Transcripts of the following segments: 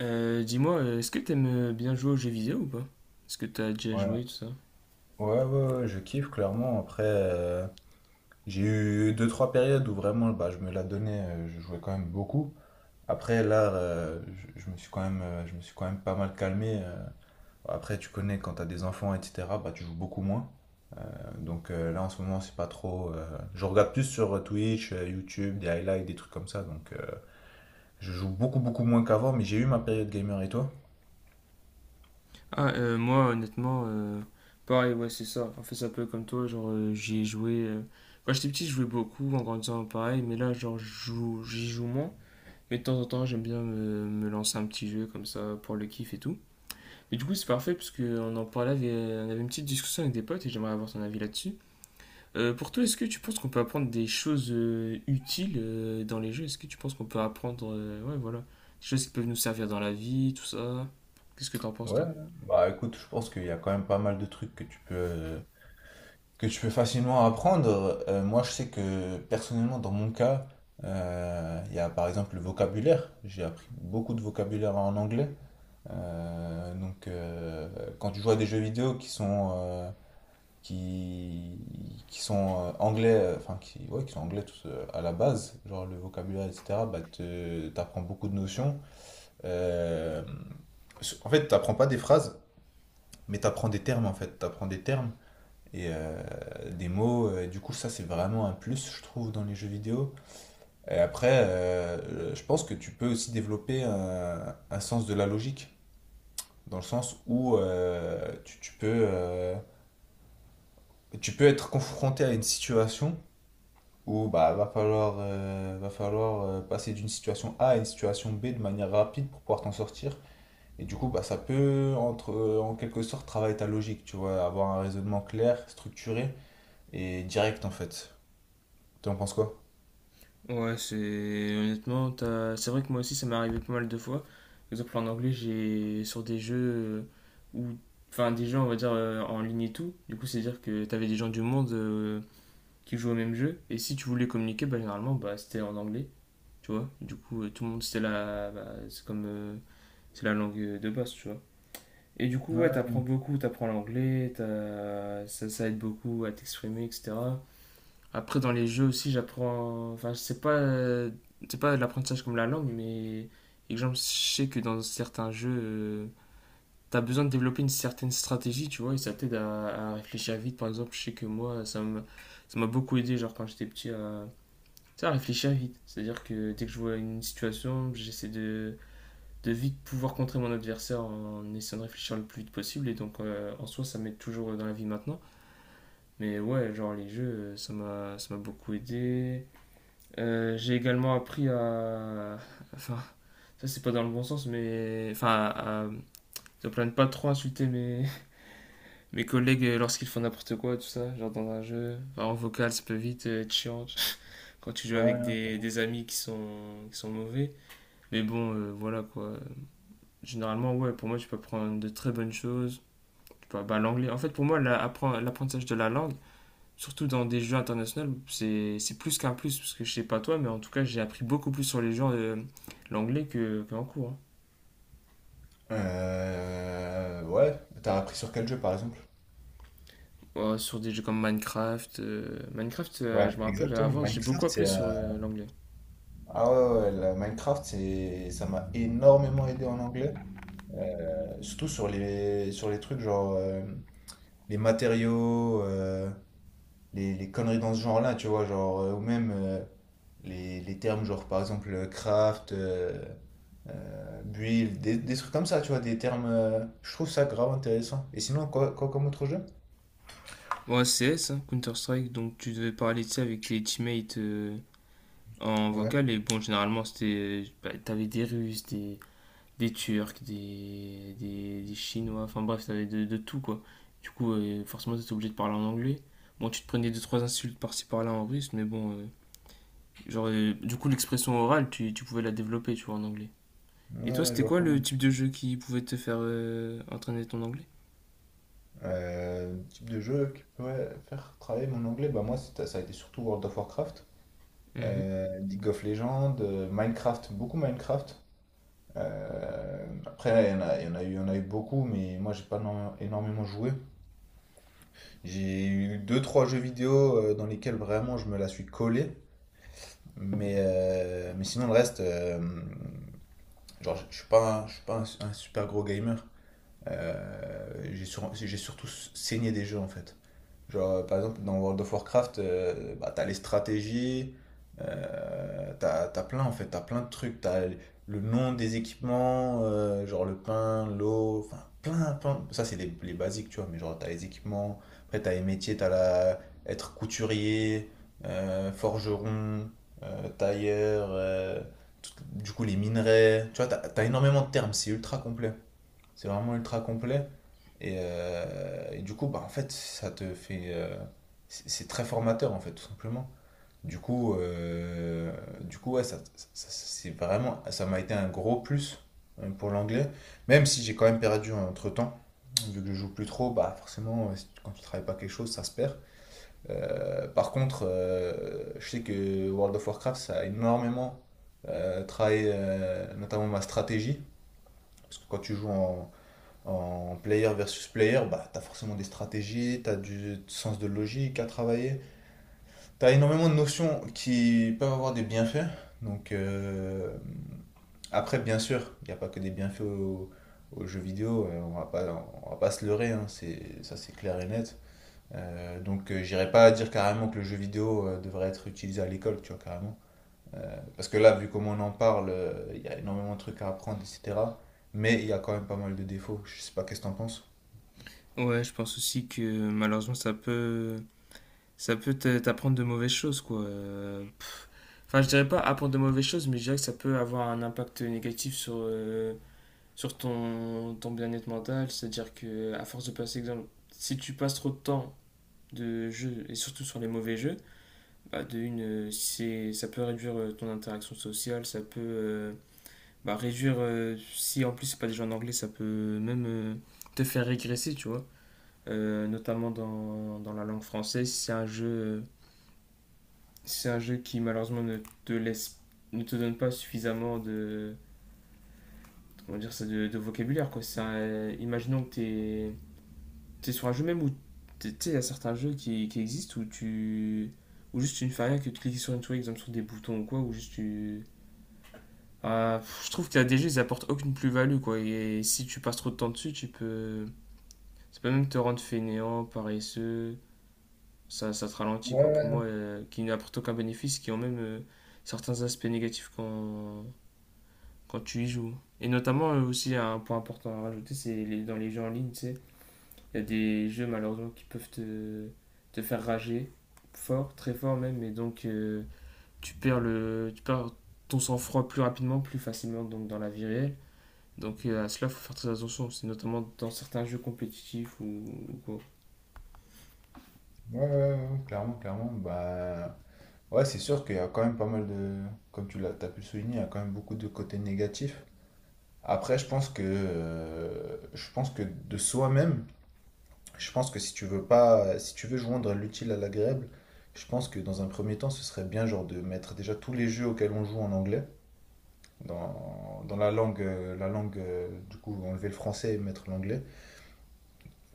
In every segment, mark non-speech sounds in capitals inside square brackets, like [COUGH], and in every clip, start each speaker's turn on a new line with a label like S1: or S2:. S1: Dis-moi, est-ce que t'aimes bien jouer aux jeux vidéo ou pas? Est-ce que t'as déjà joué,
S2: Ouais,
S1: tout ça?
S2: ouais, ouais, ouais, je kiffe clairement. Après, j'ai eu deux, trois périodes où vraiment je me la donnais, je jouais quand même beaucoup. Après, là, je me suis quand même, je me suis quand même pas mal calmé. Après, tu connais, quand t'as des enfants, etc., bah, tu joues beaucoup moins. Donc là, en ce moment, c'est pas trop. Je regarde plus sur Twitch, YouTube, des highlights, des trucs comme ça. Donc je joue beaucoup, beaucoup moins qu'avant, mais j'ai eu ma période gamer. Et toi?
S1: Ah, moi, honnêtement, pareil, ouais, c'est ça. En fait, c'est un peu comme toi, genre, j'y ai joué. Quand j'étais petit, je jouais beaucoup, en grandissant, pareil, mais là, genre, j'y joue moins. Mais de temps en temps, j'aime bien me lancer un petit jeu, comme ça, pour le kiff et tout. Mais du coup, c'est parfait, parce qu'on en parlait, on avait une petite discussion avec des potes, et j'aimerais avoir ton avis là-dessus. Pour toi, est-ce que tu penses qu'on peut apprendre des choses utiles dans les jeux? Est-ce que tu penses qu'on peut apprendre, ouais, voilà, des choses qui peuvent nous servir dans la vie, tout ça? Qu'est-ce que t'en penses,
S2: Ouais,
S1: toi?
S2: bah écoute, je pense qu'il y a quand même pas mal de trucs que tu peux facilement apprendre. Moi, je sais que personnellement, dans mon cas, il y a par exemple le vocabulaire. J'ai appris beaucoup de vocabulaire en anglais. Donc, quand tu joues à des jeux vidéo qui sont, qui sont anglais, enfin, qui, ouais, qui sont anglais tous, à la base, genre le vocabulaire, etc., bah, t'apprends beaucoup de notions. Euh, en fait, t'apprends pas des phrases, mais t'apprends des termes, en fait. T'apprends des termes et des mots. Du coup, ça, c'est vraiment un plus, je trouve, dans les jeux vidéo. Et après, je pense que tu peux aussi développer un sens de la logique, dans le sens où tu peux, tu peux être confronté à une situation où bah, va falloir passer d'une situation A à une situation B de manière rapide pour pouvoir t'en sortir. Et du coup, bah, ça peut, entre, en quelque sorte, travailler ta logique, tu vois, avoir un raisonnement clair, structuré et direct, en fait. Tu en penses quoi?
S1: Ouais, c'est honnêtement, c'est vrai que moi aussi, ça m'est arrivé pas mal de fois. Par exemple, en anglais, j'ai sur des jeux où, enfin, des jeux, on va dire en ligne et tout. Du coup, c'est-à-dire que t'avais des gens du monde qui jouaient au même jeu, et si tu voulais communiquer, bah généralement, bah c'était en anglais, tu vois. Du coup, tout le monde c'était là, bah, c'est comme c'est la langue de base, tu vois. Et du coup, ouais, t'apprends
S2: Ouais,
S1: beaucoup, t'apprends l'anglais, ça, ça aide beaucoup à t'exprimer, etc. Après, dans les jeux aussi, j'apprends. Enfin, c'est pas de l'apprentissage comme la langue, mais exemple, je sais que dans certains jeux, t'as besoin de développer une certaine stratégie, tu vois, et ça t'aide à réfléchir vite. Par exemple, je sais que moi, ça m'a beaucoup aidé, genre quand j'étais petit, à, tu sais, à réfléchir vite. C'est-à-dire que dès que je vois une situation, j'essaie de vite pouvoir contrer mon adversaire en essayant de réfléchir le plus vite possible. Et donc, en soi, ça m'aide toujours dans la vie maintenant. Mais ouais, genre les jeux, ça m'a beaucoup aidé. J'ai également appris à. [LAUGHS] Enfin, ça c'est pas dans le bon sens, mais. Enfin, à. Ne pas trop insulter [LAUGHS] mes collègues lorsqu'ils font n'importe quoi, tout ça, genre dans un jeu. Enfin, en vocal, ça peut vite être chiant quand tu joues avec
S2: ouais.
S1: des amis qui sont mauvais. Mais bon, voilà quoi. Généralement, ouais, pour moi, tu peux apprendre de très bonnes choses. Tu peux, bah, l'anglais. En fait, pour moi, l'apprentissage de la langue, surtout dans des jeux internationaux, c'est plus qu'un plus. Parce que je sais pas toi, mais en tout cas, j'ai appris beaucoup plus sur les jeux l'anglais qu'en cours, hein.
S2: Ouais, t'as appris sur quel jeu par exemple?
S1: Sur des jeux comme Minecraft, Minecraft,
S2: Ouais,
S1: je me rappelle,
S2: exactement.
S1: avant, j'ai beaucoup
S2: Minecraft,
S1: appris
S2: c'est. euh,
S1: sur l'anglais.
S2: Ah ouais, ouais, la Minecraft, c'est, ça m'a énormément aidé en anglais. Surtout sur les trucs genre les matériaux, les conneries dans ce genre-là, tu vois, genre, ou même les termes genre par exemple craft, build, des trucs comme ça, tu vois, des termes. Je trouve ça grave intéressant. Et sinon, quoi, quoi comme autre jeu?
S1: Bon, CS, hein, Counter-Strike, donc tu devais parler de ça avec tes teammates en
S2: Ouais.
S1: vocal. Et bon, généralement, c'était. Bah, t'avais des Russes, des Turcs, des Chinois, enfin bref, t'avais de tout quoi. Du coup, forcément, t'étais obligé de parler en anglais. Bon, tu te prenais deux, trois insultes par-ci par-là en russe, mais bon, genre, du coup, l'expression orale, tu pouvais la développer, tu vois, en anglais. Et
S2: Ouais,
S1: toi,
S2: ouais, je
S1: c'était
S2: vois
S1: quoi le
S2: comment.
S1: type de jeu qui pouvait te faire entraîner ton anglais?
S2: Type de jeu qui pourrait faire travailler mon anglais, bah moi ça a été surtout World of Warcraft,
S1: Mhm.
S2: League of Legends, Minecraft, beaucoup Minecraft. Après il y en a, il y en a eu, il y en a eu beaucoup, mais moi j'ai pas énormément joué. J'ai eu deux trois jeux vidéo dans lesquels vraiment je me la suis collé, mais sinon le reste, genre je suis pas, je suis pas un, un super gros gamer. J'ai surtout saigné des jeux en fait. Genre, par exemple, dans World of Warcraft, bah, t'as les stratégies, t'as plein en fait, t'as plein de trucs, t'as le nom des équipements, genre le pain, l'eau, enfin plein, plein. Ça, c'est les basiques, tu vois, mais genre t'as les équipements, après t'as les métiers, t'as la... être couturier, forgeron, tailleur, tout- du coup les minerais, tu vois, t'as énormément de termes, c'est ultra complet. C'est vraiment ultra complet. Et du coup, bah, en fait, ça te fait. C'est très formateur, en fait, tout simplement. Du coup, euh, du coup ouais, c'est vraiment. Ça m'a été un gros plus pour l'anglais. Même si j'ai quand même perdu entre-temps. Vu que je joue plus trop, bah forcément, quand tu travailles pas quelque chose, ça se perd. Par contre, je sais que World of Warcraft, ça a énormément travaillé notamment ma stratégie. Parce que quand tu joues en en player versus player, bah, tu as forcément des stratégies, tu as du sens de logique à travailler. Tu as énormément de notions qui peuvent avoir des bienfaits. Donc, après, bien sûr, il n'y a pas que des bienfaits aux jeux vidéo. Euh, on va pas, on va pas se leurrer, hein, c'est, ça c'est clair et net. Donc, j'irai pas dire carrément que le jeu vidéo devrait être utilisé à l'école, tu vois, carrément. Parce que là, vu comment on en parle, il y a énormément de trucs à apprendre, etc. Mais il y a quand même pas mal de défauts. Je sais pas qu'est-ce que t'en penses.
S1: Ouais, je pense aussi que malheureusement, ça peut t'apprendre de mauvaises choses, quoi. Enfin, je dirais pas apprendre de mauvaises choses, mais je dirais que ça peut avoir un impact négatif sur ton bien-être mental. C'est-à-dire que à force de passer, exemple, si tu passes trop de temps de jeu et surtout sur les mauvais jeux, bah, de une, ça peut réduire ton interaction sociale, ça peut bah, si en plus c'est pas des jeux en anglais, ça peut même te faire régresser, tu vois. Notamment dans la langue française, si c'est un jeu qui malheureusement te laisse, ne te donne pas suffisamment de, comment dire ça, de vocabulaire, quoi. Imaginons que t'es sur un jeu même où. Tu sais, il y a certains jeux qui existent où tu. Ou juste tu ne fais rien que de cliquer sur une souris, exemple sur des boutons ou quoi, ou juste tu. Ah, pff, je trouve que la DG, ils apportent aucune plus-value, quoi. Et si tu passes trop de temps dessus, tu peux. Ça peut même te rendre fainéant, paresseux. Ça te ralentit, quoi. Pour moi, qui n'apportent aucun bénéfice, qui ont même certains aspects négatifs quand tu y joues. Et notamment, aussi, un point important à rajouter, dans les jeux en ligne, tu sais, il y a des jeux malheureusement qui peuvent te faire rager fort, très fort même, et donc tu perds tu perds ton sang-froid plus rapidement, plus facilement donc dans la vie réelle. Donc, à cela, il faut faire très attention. C'est notamment dans certains jeux compétitifs ou quoi.
S2: Ouais, ouais, ouais, ouais, clairement, clairement. Bah, ouais, c'est sûr qu'il y a quand même pas mal de. Comme t'as pu le souligner, il y a quand même beaucoup de côtés négatifs. Après, je pense que de soi-même, je pense que si tu veux pas, si tu veux joindre l'utile à l'agréable, je pense que dans un premier temps, ce serait bien genre de mettre déjà tous les jeux auxquels on joue en anglais dans, dans la langue du coup enlever le français et mettre l'anglais,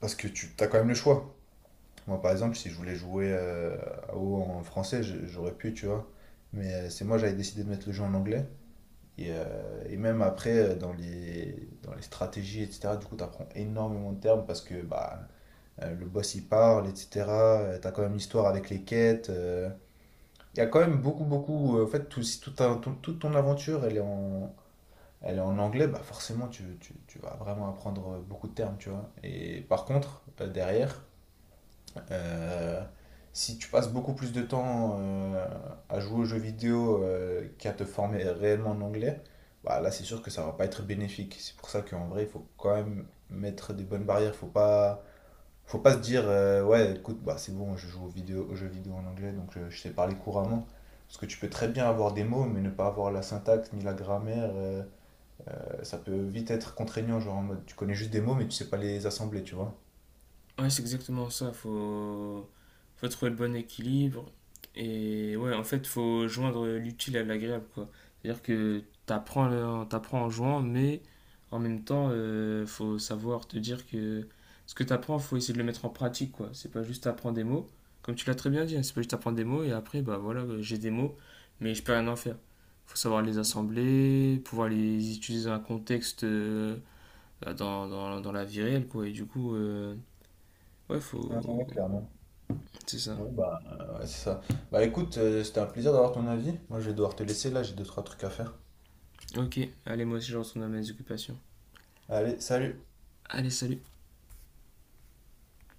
S2: parce que tu as quand même le choix. Moi, par exemple, si je voulais jouer à WoW en français, j'aurais pu, tu vois. Mais c'est moi, j'avais décidé de mettre le jeu en anglais. Et même après, dans les stratégies, etc., du coup, tu apprends énormément de termes parce que bah, le boss, il parle, etc. Tu as quand même l'histoire avec les quêtes. Il y a quand même beaucoup, beaucoup. Euh, en fait, tout, si tout toute ton aventure, elle est en anglais, bah forcément, tu vas vraiment apprendre beaucoup de termes, tu vois. Et par contre, derrière euh, si tu passes beaucoup plus de temps à jouer aux jeux vidéo qu'à te former réellement en anglais, bah là c'est sûr que ça va pas être bénéfique. C'est pour ça qu'en vrai, il faut quand même mettre des bonnes barrières. Faut pas se dire ouais, écoute, bah c'est bon, je joue aux vidéo, aux jeux vidéo en anglais, donc je sais parler couramment. Parce que tu peux très bien avoir des mots, mais ne pas avoir la syntaxe ni la grammaire, ça peut vite être contraignant, genre en mode tu connais juste des mots, mais tu sais pas les assembler, tu vois.
S1: Ouais, c'est exactement ça. Faut trouver le bon équilibre. Et ouais, en fait, faut joindre l'utile à l'agréable, quoi. C'est-à-dire que t'apprends en jouant, mais en même temps, faut savoir te dire que ce que t'apprends, faut essayer de le mettre en pratique, quoi. C'est pas juste apprendre des mots. Comme tu l'as très bien dit, hein, c'est pas juste apprendre des mots et après, bah voilà, j'ai des mots, mais je peux rien en faire. Faut savoir les assembler, pouvoir les utiliser dans un contexte, bah, dans la vie réelle, quoi. Et du coup. Ouais,
S2: Ouais, ouais,
S1: faut.
S2: clairement.
S1: C'est ça.
S2: Ouais, bah, ouais, c'est ça. Bah écoute, c'était un plaisir d'avoir ton avis. Moi, je vais devoir te laisser là, j'ai deux, trois trucs à faire.
S1: Ok, allez, moi aussi je retourne à mes occupations.
S2: Allez, salut!
S1: Allez, salut.